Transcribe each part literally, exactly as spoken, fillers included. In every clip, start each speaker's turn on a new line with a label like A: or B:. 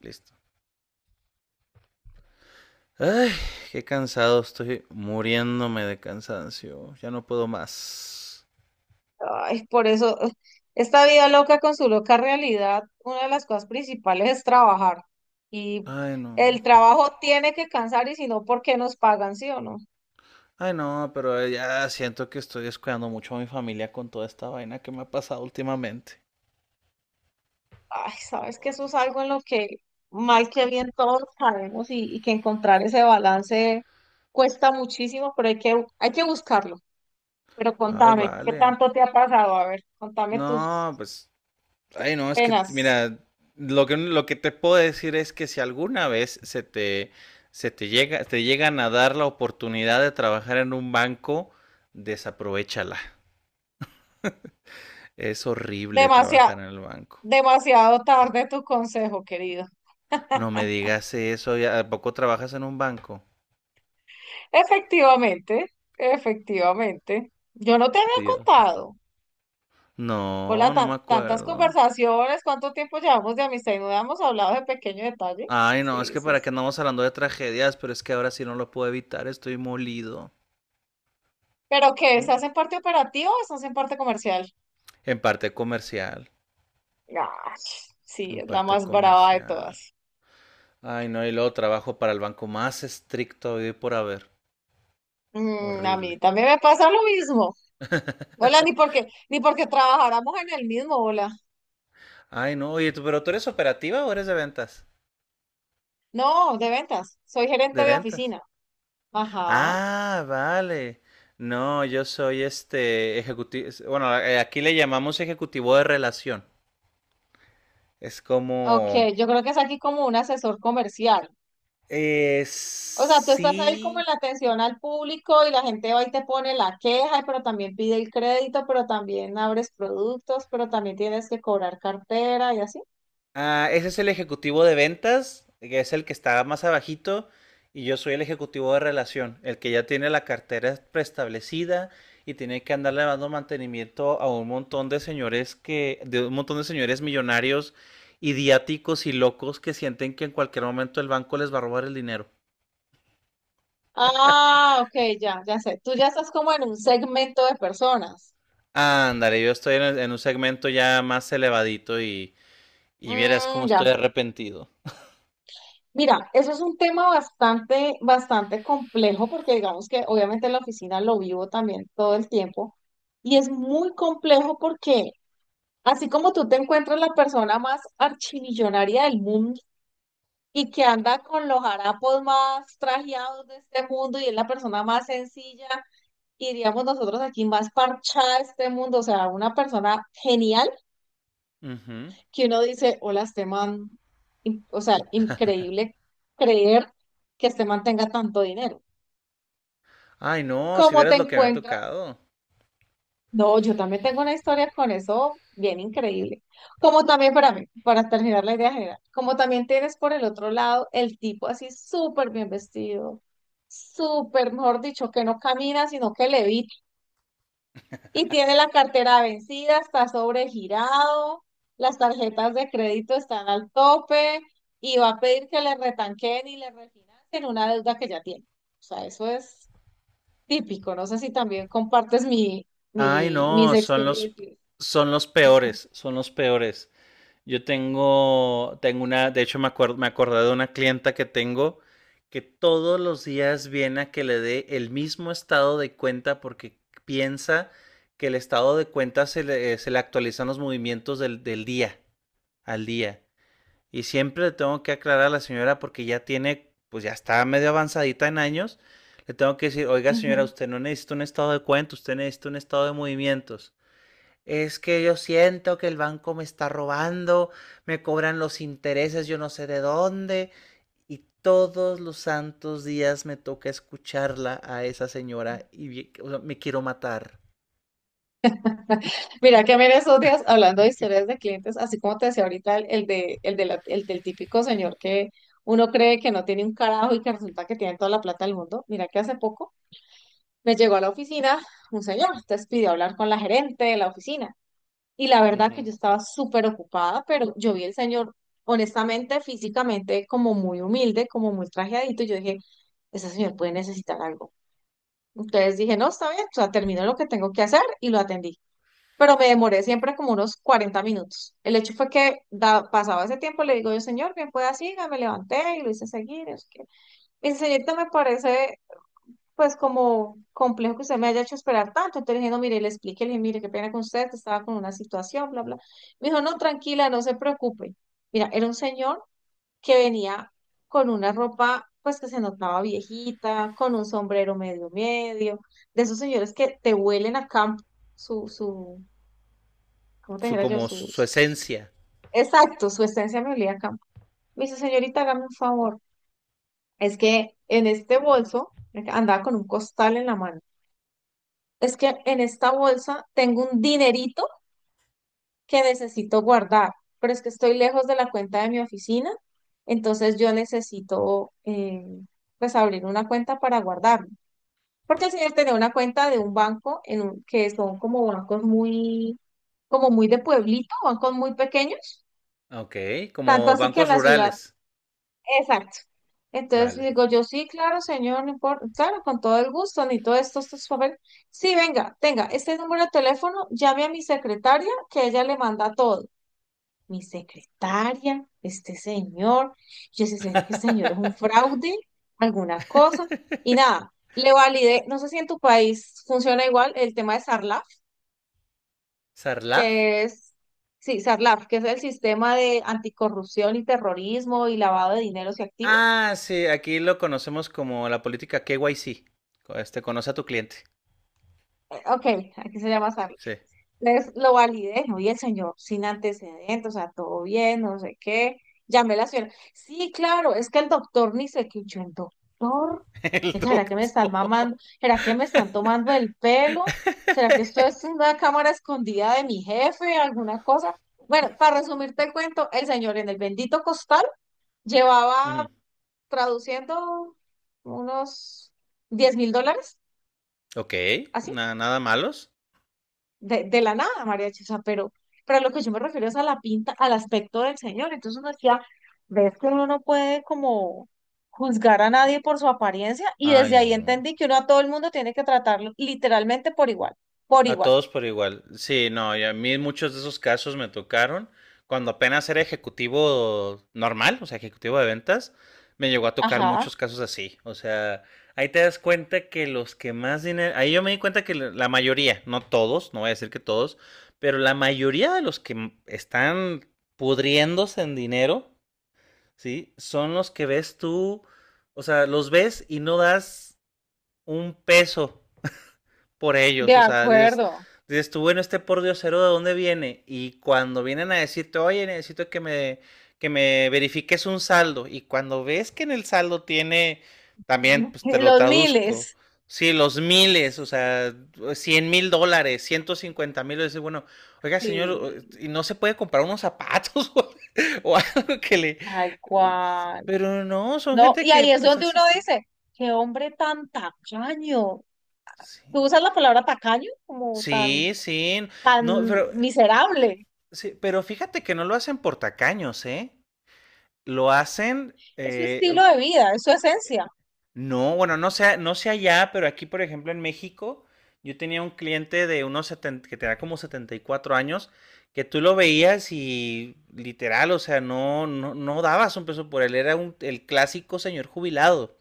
A: Listo. Ay, qué cansado, estoy muriéndome de cansancio. Ya no puedo más.
B: Ay, por eso, eh, esta vida loca con su loca realidad, una de las cosas principales es trabajar. Y
A: Ay, no.
B: el trabajo tiene que cansar y si no, ¿por qué nos pagan, sí o no?
A: Ay, no, pero ya siento que estoy descuidando mucho a mi familia con toda esta vaina que me ha pasado últimamente.
B: Ay, sabes que eso es algo en lo que mal que bien todos sabemos y, y que encontrar ese balance cuesta muchísimo, pero hay que, hay que buscarlo. Pero
A: Ay,
B: contame, ¿qué
A: vale.
B: tanto te ha pasado? A ver, contame tus
A: No, pues, ay, no, es que,
B: penas.
A: mira, lo que, lo que te puedo decir es que si alguna vez se te, se te llega, te llegan a dar la oportunidad de trabajar en un banco, desaprovechala. Es horrible
B: Demasiado,
A: trabajar en el banco.
B: demasiado tarde tu consejo, querido.
A: No me digas eso, ¿y ¿a poco trabajas en un banco?
B: Efectivamente, efectivamente. Yo no te había
A: Dios.
B: contado. Hola,
A: No, no me
B: tan- tantas
A: acuerdo.
B: conversaciones, cuánto tiempo llevamos de amistad y no habíamos hablado de pequeño detalle.
A: Ay, no, es
B: Sí,
A: que
B: sí,
A: para qué
B: sí.
A: andamos hablando de tragedias, pero es que ahora sí no lo puedo evitar, estoy molido.
B: ¿Pero qué?
A: Mu-
B: ¿Estás en parte operativa o estás en parte comercial?
A: En parte comercial,
B: Ah, sí,
A: en
B: es la
A: parte
B: más brava de
A: comercial.
B: todas.
A: Ay, no, y luego trabajo para el banco más estricto hoy por haber.
B: Mm, a
A: Horrible.
B: mí también me pasa lo mismo. Hola, ni porque, ni porque trabajáramos en el mismo, hola.
A: Ay, no, oye, tú- pero tú eres operativa o eres de ventas?
B: No, de ventas. Soy
A: De
B: gerente de
A: ventas.
B: oficina. Ajá.
A: Ah, vale. No, yo soy este ejecutivo, bueno, eh, aquí le llamamos ejecutivo de relación. Es
B: Ok,
A: como,
B: yo creo que es aquí como un asesor comercial.
A: eh,
B: O sea, tú estás ahí como en
A: sí.
B: la atención al público y la gente va y te pone la queja, pero también pide el crédito, pero también abres productos, pero también tienes que cobrar cartera y así.
A: Ah, ese es el ejecutivo de ventas, que es el que está más abajito, y yo soy el ejecutivo de relación, el que ya tiene la cartera preestablecida y tiene que andarle dando mantenimiento a un montón de señores que, de un montón de señores millonarios, idiáticos y locos que sienten que en cualquier momento el banco les va a robar el dinero.
B: Ah, ok, ya, ya sé. Tú ya estás como en un segmento de personas.
A: Ándale, yo estoy en, el- en un segmento ya más elevadito y, y vieras cómo
B: Mm,
A: estoy
B: ya.
A: arrepentido.
B: Mira, eso es un tema bastante, bastante complejo porque digamos que obviamente en la oficina lo vivo también todo el tiempo y es muy complejo porque así como tú te encuentras la persona más archimillonaria del mundo, y que anda con los harapos más trajeados de este mundo y es la persona más sencilla y diríamos nosotros aquí más parchada de este mundo, o sea, una persona genial
A: Ujú.
B: que uno dice, hola, este man, in- o sea, increíble creer que este man tenga tanto dinero.
A: Ay, no, si
B: ¿Cómo te
A: vieras lo que me ha
B: encuentras?
A: tocado.
B: No, yo también tengo una historia con eso bien increíble. Como también para mí, para terminar la idea general, como también tienes por el otro lado el tipo así súper bien vestido, súper, mejor dicho, que no camina, sino que levita y tiene la cartera vencida, está sobregirado, las tarjetas de crédito están al tope y va a pedir que le retanquen y le refinancien una deuda que ya tiene. O sea, eso es típico. No sé si también compartes mi,
A: Ay,
B: mi, mis
A: no, son los,
B: experiencias.
A: son los peores, son los peores. Yo tengo, tengo una, de hecho me acuerdo, me acordé de una clienta que tengo que todos los días viene a que le dé el mismo estado de cuenta porque piensa que el estado de cuenta se le, se le actualizan los movimientos del, del día al día. Y siempre le tengo que aclarar a la señora porque ya tiene, pues ya está medio avanzadita en años. Le tengo que decir, oiga señora,
B: Ujú.
A: usted no necesita un estado de cuenta, usted necesita un estado de movimientos. Es que yo siento que el banco me está robando, me cobran los intereses, yo no sé de dónde. Y todos los santos días me toca escucharla a esa señora y o sea, me quiero matar.
B: Mira que a mí en esos días, hablando de historias de clientes, así como te decía ahorita, el, el de, el, de la- el del típico señor que uno cree que no tiene un carajo y que resulta que tiene toda la plata del mundo, mira que hace poco me llegó a la oficina un señor, entonces pidió hablar con la gerente de la oficina. Y la verdad que yo
A: Ujú.
B: estaba súper ocupada, pero yo vi el señor, honestamente, físicamente, como muy humilde, como muy trajeadito, y yo dije, ese señor puede necesitar algo. Entonces dije, no, está bien, o sea, termino lo que tengo que hacer y lo atendí. Pero me demoré siempre como unos cuarenta minutos. El hecho fue que da- pasaba ese tiempo, le digo yo, señor, bien pueda siga, me levanté y lo hice seguir. Es que... Me dice, señorita, me parece pues como complejo que usted me haya hecho esperar tanto. Entonces le dije, no, mire, le expliqué, le dije, mire, qué pena con usted, que estaba con una situación, bla, bla. Me dijo, no, tranquila, no se preocupe. Mira, era un señor que venía con una ropa pues que se notaba viejita, con un sombrero medio medio, de esos señores que te huelen a campo su, su, como te
A: Su
B: dijera yo,
A: como su
B: sus...
A: esencia.
B: Exacto, su esencia me olía a campo. Me dice, señorita, hágame un favor. Es que en este bolso, andaba con un costal en la mano. Es que en esta bolsa tengo un dinerito que necesito guardar, pero es que estoy lejos de la cuenta de mi oficina, entonces yo necesito, eh, pues, abrir una cuenta para guardarlo. Porque el señor tenía una cuenta de un banco en un- que son como bancos muy, como muy de pueblito, bancos muy pequeños,
A: Ok,
B: tanto
A: como
B: así que en
A: bancos
B: la ciudad...
A: rurales.
B: Exacto. Entonces
A: Vale.
B: digo yo, sí, claro, señor, no importa, claro, con todo el gusto, ni todo esto estos papeles. Sí, venga, tenga, este número de teléfono, llame a mi secretaria, que ella le manda todo. Mi secretaria, este señor, yo sé sé que este señor es un fraude, alguna cosa, y nada, le validé, no sé si en tu país funciona igual el tema de Sarlaf,
A: ¿Sarlaf?
B: que es, sí, Sarlaf, que es el sistema de anticorrupción y terrorismo y lavado de dineros y activos.
A: Ah, sí, aquí lo conocemos como la política K Y C. Este, conoce a tu cliente.
B: Ok, aquí se llama...
A: Sí.
B: Les lo validé, oye, el señor sin antecedentes, o sea, todo bien, no sé qué. Llamé a la señora. Sí, claro, es que el doctor ni se quichó. ¿El doctor?
A: El
B: Es que, ¿será que me están
A: doctor.
B: mamando? ¿Será que me están tomando el pelo? ¿Será que esto es una cámara escondida de mi jefe? ¿Alguna cosa? Bueno, para resumirte el cuento, el señor en el bendito costal llevaba
A: Ujú.
B: traduciendo unos diez mil dólares,
A: Ok,
B: así.
A: na- nada malos.
B: de, de la nada, mariachi, o sea, pero, pero a lo que yo me refiero es a la pinta, al aspecto del señor. Entonces uno decía, ves que uno no puede como juzgar a nadie por su apariencia y
A: Ay,
B: desde ahí
A: no.
B: entendí que uno a todo el mundo tiene que tratarlo literalmente por igual, por
A: A
B: igual.
A: todos por igual. Sí, no, y a mí muchos de esos casos me tocaron cuando apenas era ejecutivo normal, o sea, ejecutivo de ventas, me llegó a tocar
B: Ajá,
A: muchos casos así. O sea, ahí te das cuenta que los que más dinero, ahí yo me di cuenta que la la mayoría, no todos, no voy a decir que todos, pero la mayoría de los que m- están pudriéndose en dinero ¿sí? Son los que ves tú, o sea, los ves y no das un peso por ellos,
B: de
A: o sea, dices,
B: acuerdo.
A: dices tú, bueno, este por Diosero, ¿de dónde viene? Y cuando vienen a decirte, oye, necesito que me, que me verifiques un saldo, y cuando ves que en el saldo tiene, también, pues te lo
B: Los
A: traduzco,
B: miles.
A: sí, los miles, o sea, cien mil dólares, ciento cincuenta mil, dices, bueno, oiga, señor,
B: Sí,
A: y no se puede comprar unos zapatos o, o algo que le...
B: tal cual.
A: Pero no, son
B: No,
A: gente
B: y
A: que,
B: ahí es
A: pues
B: donde
A: así
B: uno
A: está.
B: dice, qué hombre tan tacaño. ¿Tú
A: Sí,
B: usas la palabra tacaño como
A: sí,
B: tan,
A: sí. No,
B: tan
A: pero
B: miserable?
A: sí, pero fíjate que no lo hacen por tacaños, ¿eh? Lo hacen,
B: Es su
A: eh,
B: estilo de vida, es su esencia.
A: no, bueno, no sé, no sé allá, pero aquí, por ejemplo, en México, yo tenía un cliente de unos setenta, que tenía como setenta y cuatro años, que tú lo veías y literal, o sea, no, no, no dabas un peso por él, era un, el clásico señor jubilado.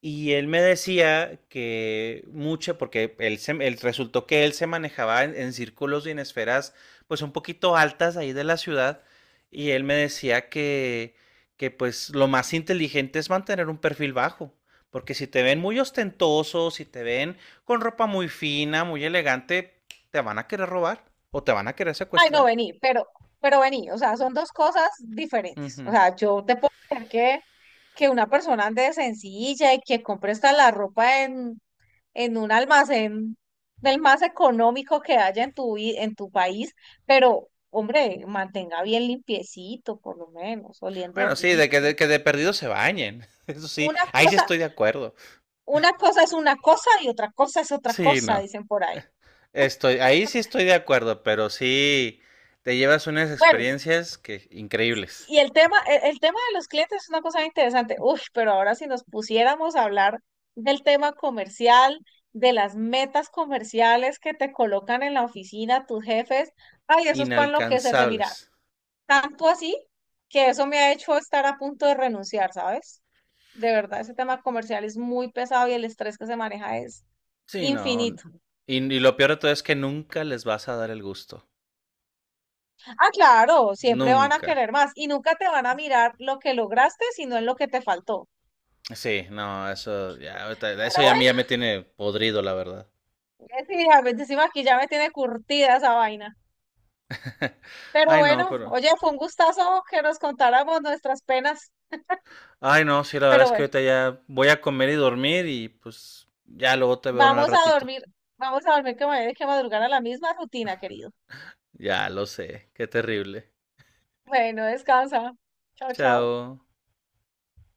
A: Y él me decía que mucho, porque él, se- él resultó que él se manejaba en, en círculos y en esferas pues un poquito altas ahí de la ciudad, y él me decía que, que pues lo más inteligente es mantener un perfil bajo, porque si te ven muy ostentoso, si te ven con ropa muy fina, muy elegante, te van a querer robar o te van a querer
B: Ay, no,
A: secuestrar.
B: vení, pero, pero vení, o sea, son dos cosas diferentes. O
A: Ujú.
B: sea, yo te puedo creer que, que una persona ande sencilla y que compre hasta la ropa en, en un almacén del más económico que haya en tu, vi- en tu país, pero, hombre, mantenga bien limpiecito, por lo menos, oliendo
A: Bueno, sí, de que
B: rico.
A: de, que de perdido se bañen, eso sí,
B: Una
A: ahí sí
B: cosa,
A: estoy de acuerdo.
B: una cosa es una cosa y otra cosa es otra
A: Sí, no.
B: cosa, dicen por ahí.
A: Estoy, ahí sí estoy de acuerdo, pero sí te llevas unas
B: Bueno,
A: experiencias que increíbles,
B: y el tema, el, el tema de los clientes es una cosa bien interesante. Uf, pero ahora si nos pusiéramos a hablar del tema comercial, de las metas comerciales que te colocan en la oficina tus jefes, ay, eso es para enloquecerse. Mira,
A: inalcanzables.
B: tanto así que eso me ha hecho estar a punto de renunciar, ¿sabes? De verdad, ese tema comercial es muy pesado y el estrés que se maneja es
A: Sí, no.
B: infinito.
A: Y, y lo peor de todo es que nunca les vas a dar el gusto.
B: Ah, claro, siempre van a
A: Nunca.
B: querer más y nunca te van a mirar lo que lograste, sino en lo que te faltó.
A: Sí, no, eso ya, ahorita-
B: Pero...
A: eso ya a mí ya me tiene podrido, la verdad.
B: Eh, sí, a veces sí, aquí ya me tiene curtida esa vaina. Pero
A: Ay, no,
B: bueno,
A: pero.
B: oye, fue un gustazo que nos contáramos nuestras penas.
A: Ay, no, sí, la verdad
B: Pero
A: es que
B: bueno,
A: ahorita ya voy a comer y dormir y pues ya luego te veo en el
B: vamos a
A: ratito.
B: dormir. Vamos a dormir que me voy a tener que madrugar a la misma rutina, querido.
A: Ya lo sé, qué terrible.
B: Bueno, descansa. Chao, chao.
A: Chao.